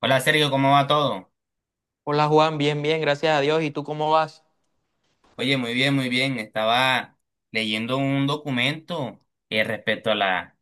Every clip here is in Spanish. Hola Sergio, ¿cómo va todo? Hola Juan, bien, bien, gracias a Dios. ¿Y tú cómo vas? Oye, muy bien, muy bien. Estaba leyendo un documento respecto a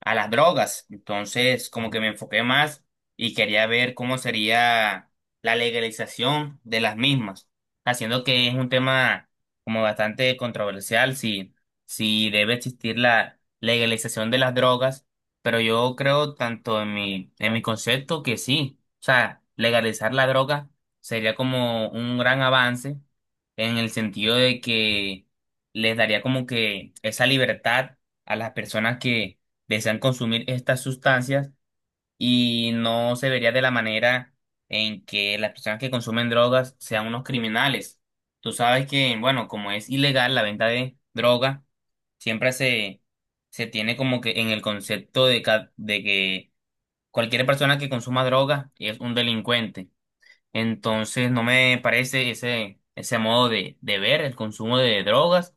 a las drogas. Entonces, como que me enfoqué más y quería ver cómo sería la legalización de las mismas, haciendo que es un tema como bastante controversial si debe existir la legalización de las drogas, pero yo creo tanto en en mi concepto que sí, o sea, legalizar la droga sería como un gran avance en el sentido de que les daría como que esa libertad a las personas que desean consumir estas sustancias y no se vería de la manera en que las personas que consumen drogas sean unos criminales. Tú sabes que, bueno, como es ilegal la venta de droga, siempre se, se tiene como que en el concepto de que cualquier persona que consuma droga es un delincuente. Entonces no me parece ese modo de ver el consumo de drogas.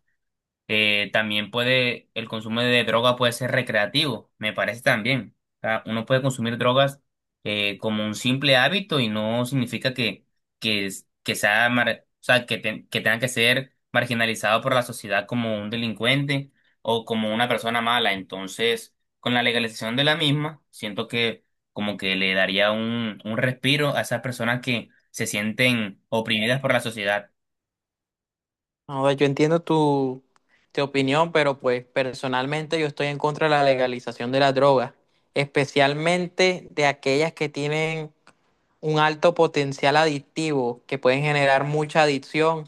Eh, también el consumo de droga puede ser recreativo, me parece también. O sea, uno puede consumir drogas, como un simple hábito y no significa que o sea, que tenga que ser marginalizado por la sociedad como un delincuente o como una persona mala. Entonces, con la legalización de la misma, siento que como que le daría un respiro a esas personas que se sienten oprimidas por la sociedad. No, yo entiendo tu opinión, pero pues personalmente yo estoy en contra de la legalización de las drogas, especialmente de aquellas que tienen un alto potencial adictivo que pueden generar mucha adicción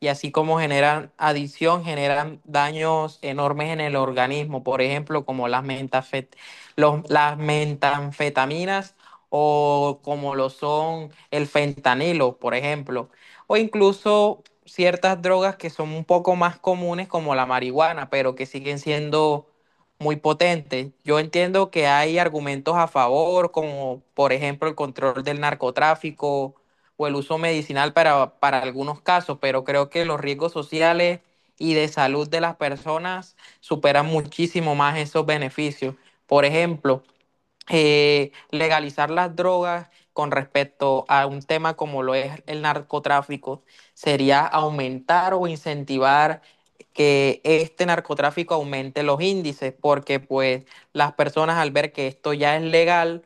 y así como generan adicción, generan daños enormes en el organismo, por ejemplo, como las las metanfetaminas o como lo son el fentanilo, por ejemplo, o incluso ciertas drogas que son un poco más comunes como la marihuana, pero que siguen siendo muy potente. Yo entiendo que hay argumentos a favor, como por ejemplo el control del narcotráfico o el uso medicinal para algunos casos, pero creo que los riesgos sociales y de salud de las personas superan muchísimo más esos beneficios. Por ejemplo, legalizar las drogas con respecto a un tema como lo es el narcotráfico sería aumentar o incentivar que este narcotráfico aumente los índices, porque pues las personas al ver que esto ya es legal,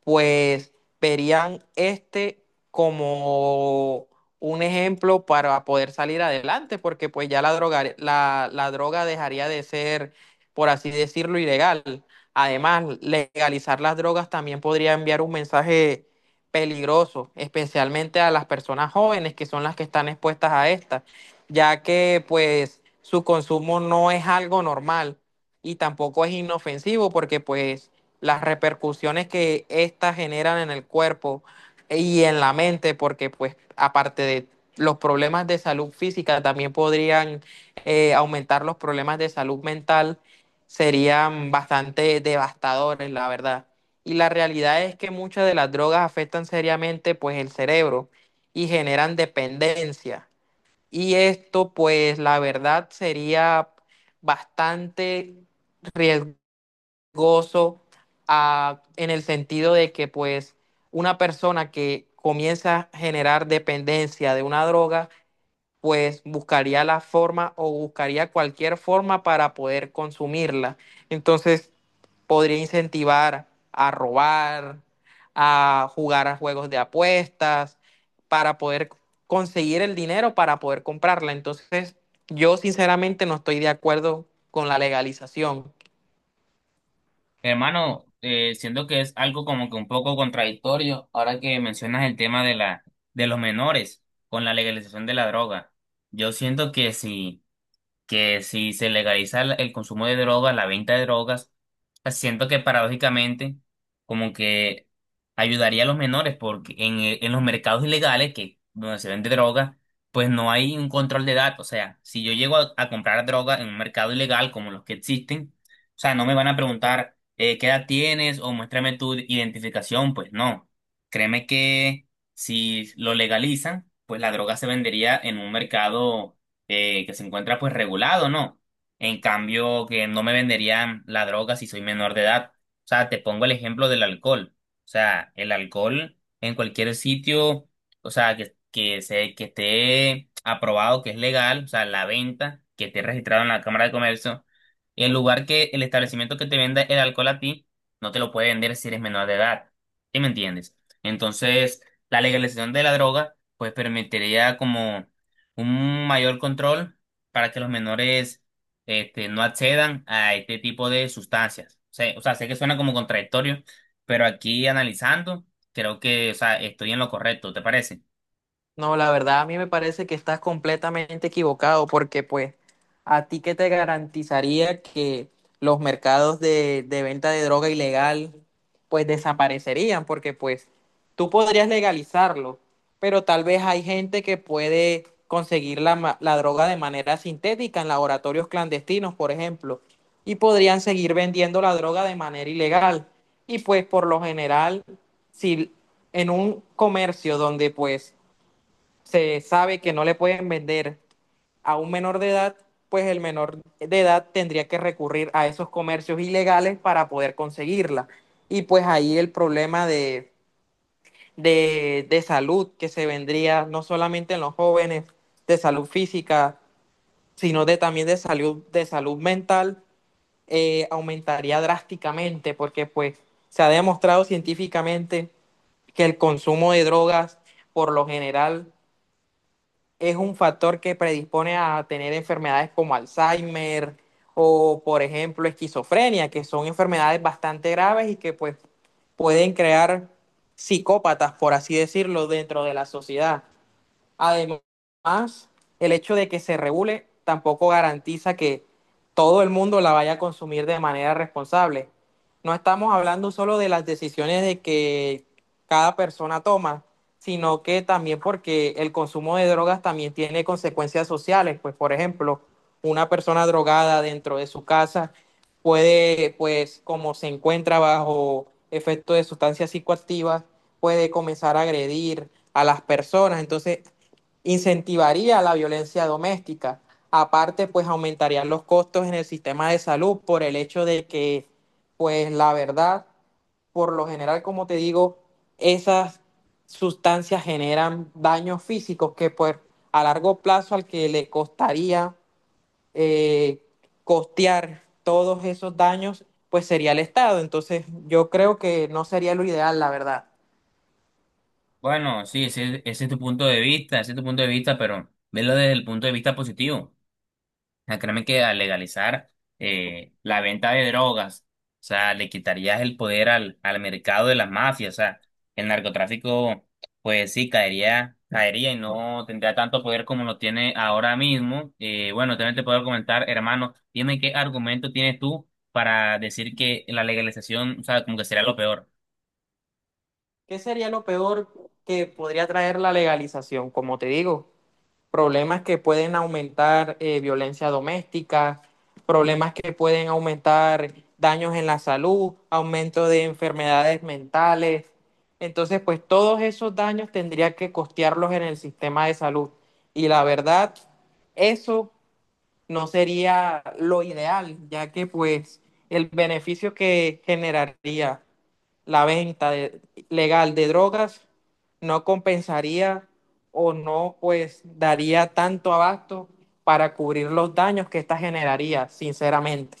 pues verían este como un ejemplo para poder salir adelante, porque pues ya la droga, la droga dejaría de ser, por así decirlo, ilegal. Además, legalizar las drogas también podría enviar un mensaje peligroso, especialmente a las personas jóvenes que son las que están expuestas a estas, ya que pues su consumo no es algo normal y tampoco es inofensivo porque pues las repercusiones que éstas generan en el cuerpo y en la mente, porque pues aparte de los problemas de salud física, también podrían aumentar los problemas de salud mental, serían bastante devastadores, la verdad. Y la realidad es que muchas de las drogas afectan seriamente pues el cerebro y generan dependencia. Y esto pues la verdad sería bastante riesgoso gozo en el sentido de que pues una persona que comienza a generar dependencia de una droga, pues buscaría la forma o buscaría cualquier forma para poder consumirla. Entonces podría incentivar a robar, a jugar a juegos de apuestas, para poder conseguir el dinero para poder comprarla. Entonces yo sinceramente no estoy de acuerdo con la legalización. Hermano, siento que es algo como que un poco contradictorio ahora que mencionas el tema de de los menores con la legalización de la droga. Yo siento que si se legaliza el consumo de droga, la venta de drogas, pues siento que paradójicamente como que ayudaría a los menores porque en los mercados ilegales que donde se vende droga, pues no hay un control de edad. O sea, si yo llego a comprar droga en un mercado ilegal como los que existen, o sea, no me van a preguntar, qué edad tienes o muéstrame tu identificación, pues no. Créeme que si lo legalizan, pues la droga se vendería en un mercado que se encuentra pues regulado, ¿no? En cambio, que no me venderían la droga si soy menor de edad. O sea, te pongo el ejemplo del alcohol. O sea, el alcohol en cualquier sitio, o sea, que esté aprobado, que es legal, o sea, la venta, que esté registrado en la Cámara de Comercio, el lugar que el establecimiento que te venda el alcohol a ti, no te lo puede vender si eres menor de edad. ¿Sí me entiendes? Entonces, la legalización de la droga, pues permitiría como un mayor control para que los menores, este, no accedan a este tipo de sustancias. O sea, sé que suena como contradictorio, pero aquí analizando, creo que, o sea, estoy en lo correcto, ¿te parece? No, la verdad a mí me parece que estás completamente equivocado porque pues a ti que te garantizaría que los mercados de venta de droga ilegal pues desaparecerían porque pues tú podrías legalizarlo, pero tal vez hay gente que puede conseguir la droga de manera sintética en laboratorios clandestinos, por ejemplo, y podrían seguir vendiendo la droga de manera ilegal. Y pues por lo general, si en un comercio donde pues se sabe que no le pueden vender a un menor de edad, pues el menor de edad tendría que recurrir a esos comercios ilegales para poder conseguirla. Y pues ahí el problema de salud que se vendría no solamente en los jóvenes, de salud física, sino de, también de salud mental, aumentaría drásticamente porque pues se ha demostrado científicamente que el consumo de drogas por lo general es un factor que predispone a tener enfermedades como Alzheimer o, por ejemplo, esquizofrenia, que son enfermedades bastante graves y que pues pueden crear psicópatas, por así decirlo, dentro de la sociedad. Además, el hecho de que se regule tampoco garantiza que todo el mundo la vaya a consumir de manera responsable. No estamos hablando solo de las decisiones de que cada persona toma, sino que también porque el consumo de drogas también tiene consecuencias sociales. Pues, por ejemplo, una persona drogada dentro de su casa puede, pues, como se encuentra bajo efecto de sustancias psicoactivas, puede comenzar a agredir a las personas. Entonces, incentivaría la violencia doméstica. Aparte, pues aumentarían los costos en el sistema de salud por el hecho de que, pues la verdad, por lo general, como te digo, esas sustancias generan daños físicos que pues a largo plazo al que le costaría eh, costear todos esos daños, pues sería el Estado. Entonces, yo creo que no sería lo ideal, la verdad. Bueno, sí, ese es tu punto de vista, ese es tu punto de vista, pero velo desde el punto de vista positivo. Sea, créeme que al legalizar, la venta de drogas, o sea, le quitarías el poder al mercado de las mafias, o sea, el narcotráfico, pues sí, caería, caería y no tendría tanto poder como lo tiene ahora mismo. Bueno, también te puedo comentar, hermano, dime qué argumento tienes tú para decir que la legalización, o sea, como que sería lo peor. ¿Qué sería lo peor que podría traer la legalización? Como te digo, problemas que pueden aumentar violencia doméstica, problemas que pueden aumentar daños en la salud, aumento de enfermedades mentales. Entonces, pues todos esos daños tendría que costearlos en el sistema de salud. Y la verdad, eso no sería lo ideal, ya que pues el beneficio que generaría la legal de drogas no compensaría o no pues daría tanto abasto para cubrir los daños que esta generaría, sinceramente.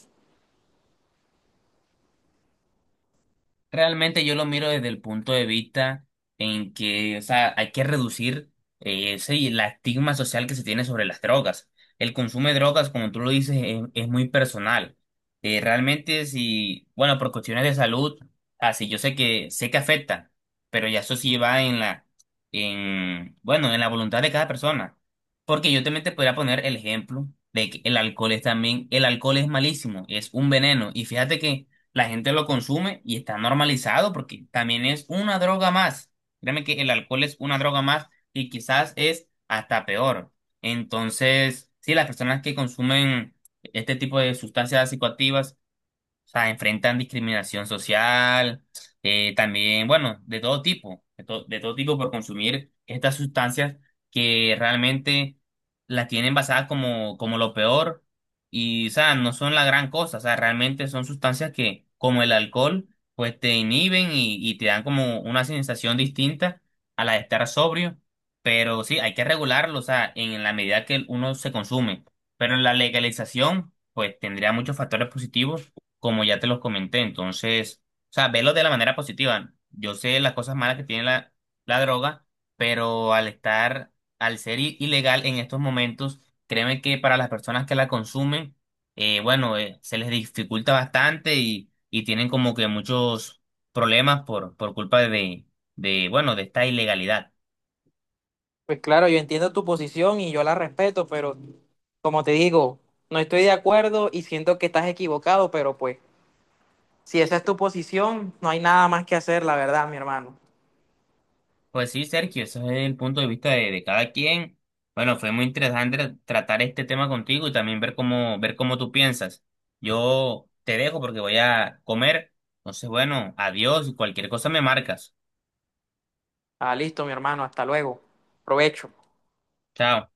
Realmente yo lo miro desde el punto de vista en que, o sea, hay que reducir, ese y la estigma social que se tiene sobre las drogas. El consumo de drogas, como tú lo dices, es muy personal. Realmente, si, bueno, por cuestiones de salud, así yo sé que afecta, pero ya eso sí va en bueno, en la voluntad de cada persona. Porque yo también te podría poner el ejemplo de que el alcohol es también, el alcohol es malísimo, es un veneno. Y fíjate que la gente lo consume y está normalizado porque también es una droga más. Créeme que el alcohol es una droga más y quizás es hasta peor. Entonces, sí, las personas que consumen este tipo de sustancias psicoactivas, o sea, enfrentan discriminación social, también, bueno, de todo tipo, de todo tipo por consumir estas sustancias que realmente las tienen basadas como lo peor y, o sea, no son la gran cosa, o sea, realmente son sustancias que, como el alcohol, pues te inhiben y te dan como una sensación distinta a la de estar sobrio, pero sí, hay que regularlo, o sea, en la medida que uno se consume, pero la legalización, pues tendría muchos factores positivos como ya te los comenté. Entonces, o sea, velo de la manera positiva. Yo sé las cosas malas que tiene la droga, pero al estar, al ser ilegal en estos momentos, créeme que para las personas que la consumen, bueno, se les dificulta bastante y tienen como que muchos problemas por culpa de esta ilegalidad. Pues claro, yo entiendo tu posición y yo la respeto, pero como te digo, no estoy de acuerdo y siento que estás equivocado, pero pues si esa es tu posición, no hay nada más que hacer, la verdad, mi hermano. Pues sí, Sergio, ese es el punto de vista de cada quien. Bueno, fue muy interesante tratar este tema contigo y también ver cómo tú piensas. Yo te dejo porque voy a comer. Entonces, bueno, adiós y cualquier cosa me marcas. Ah, listo, mi hermano, hasta luego. Provecho. Chao.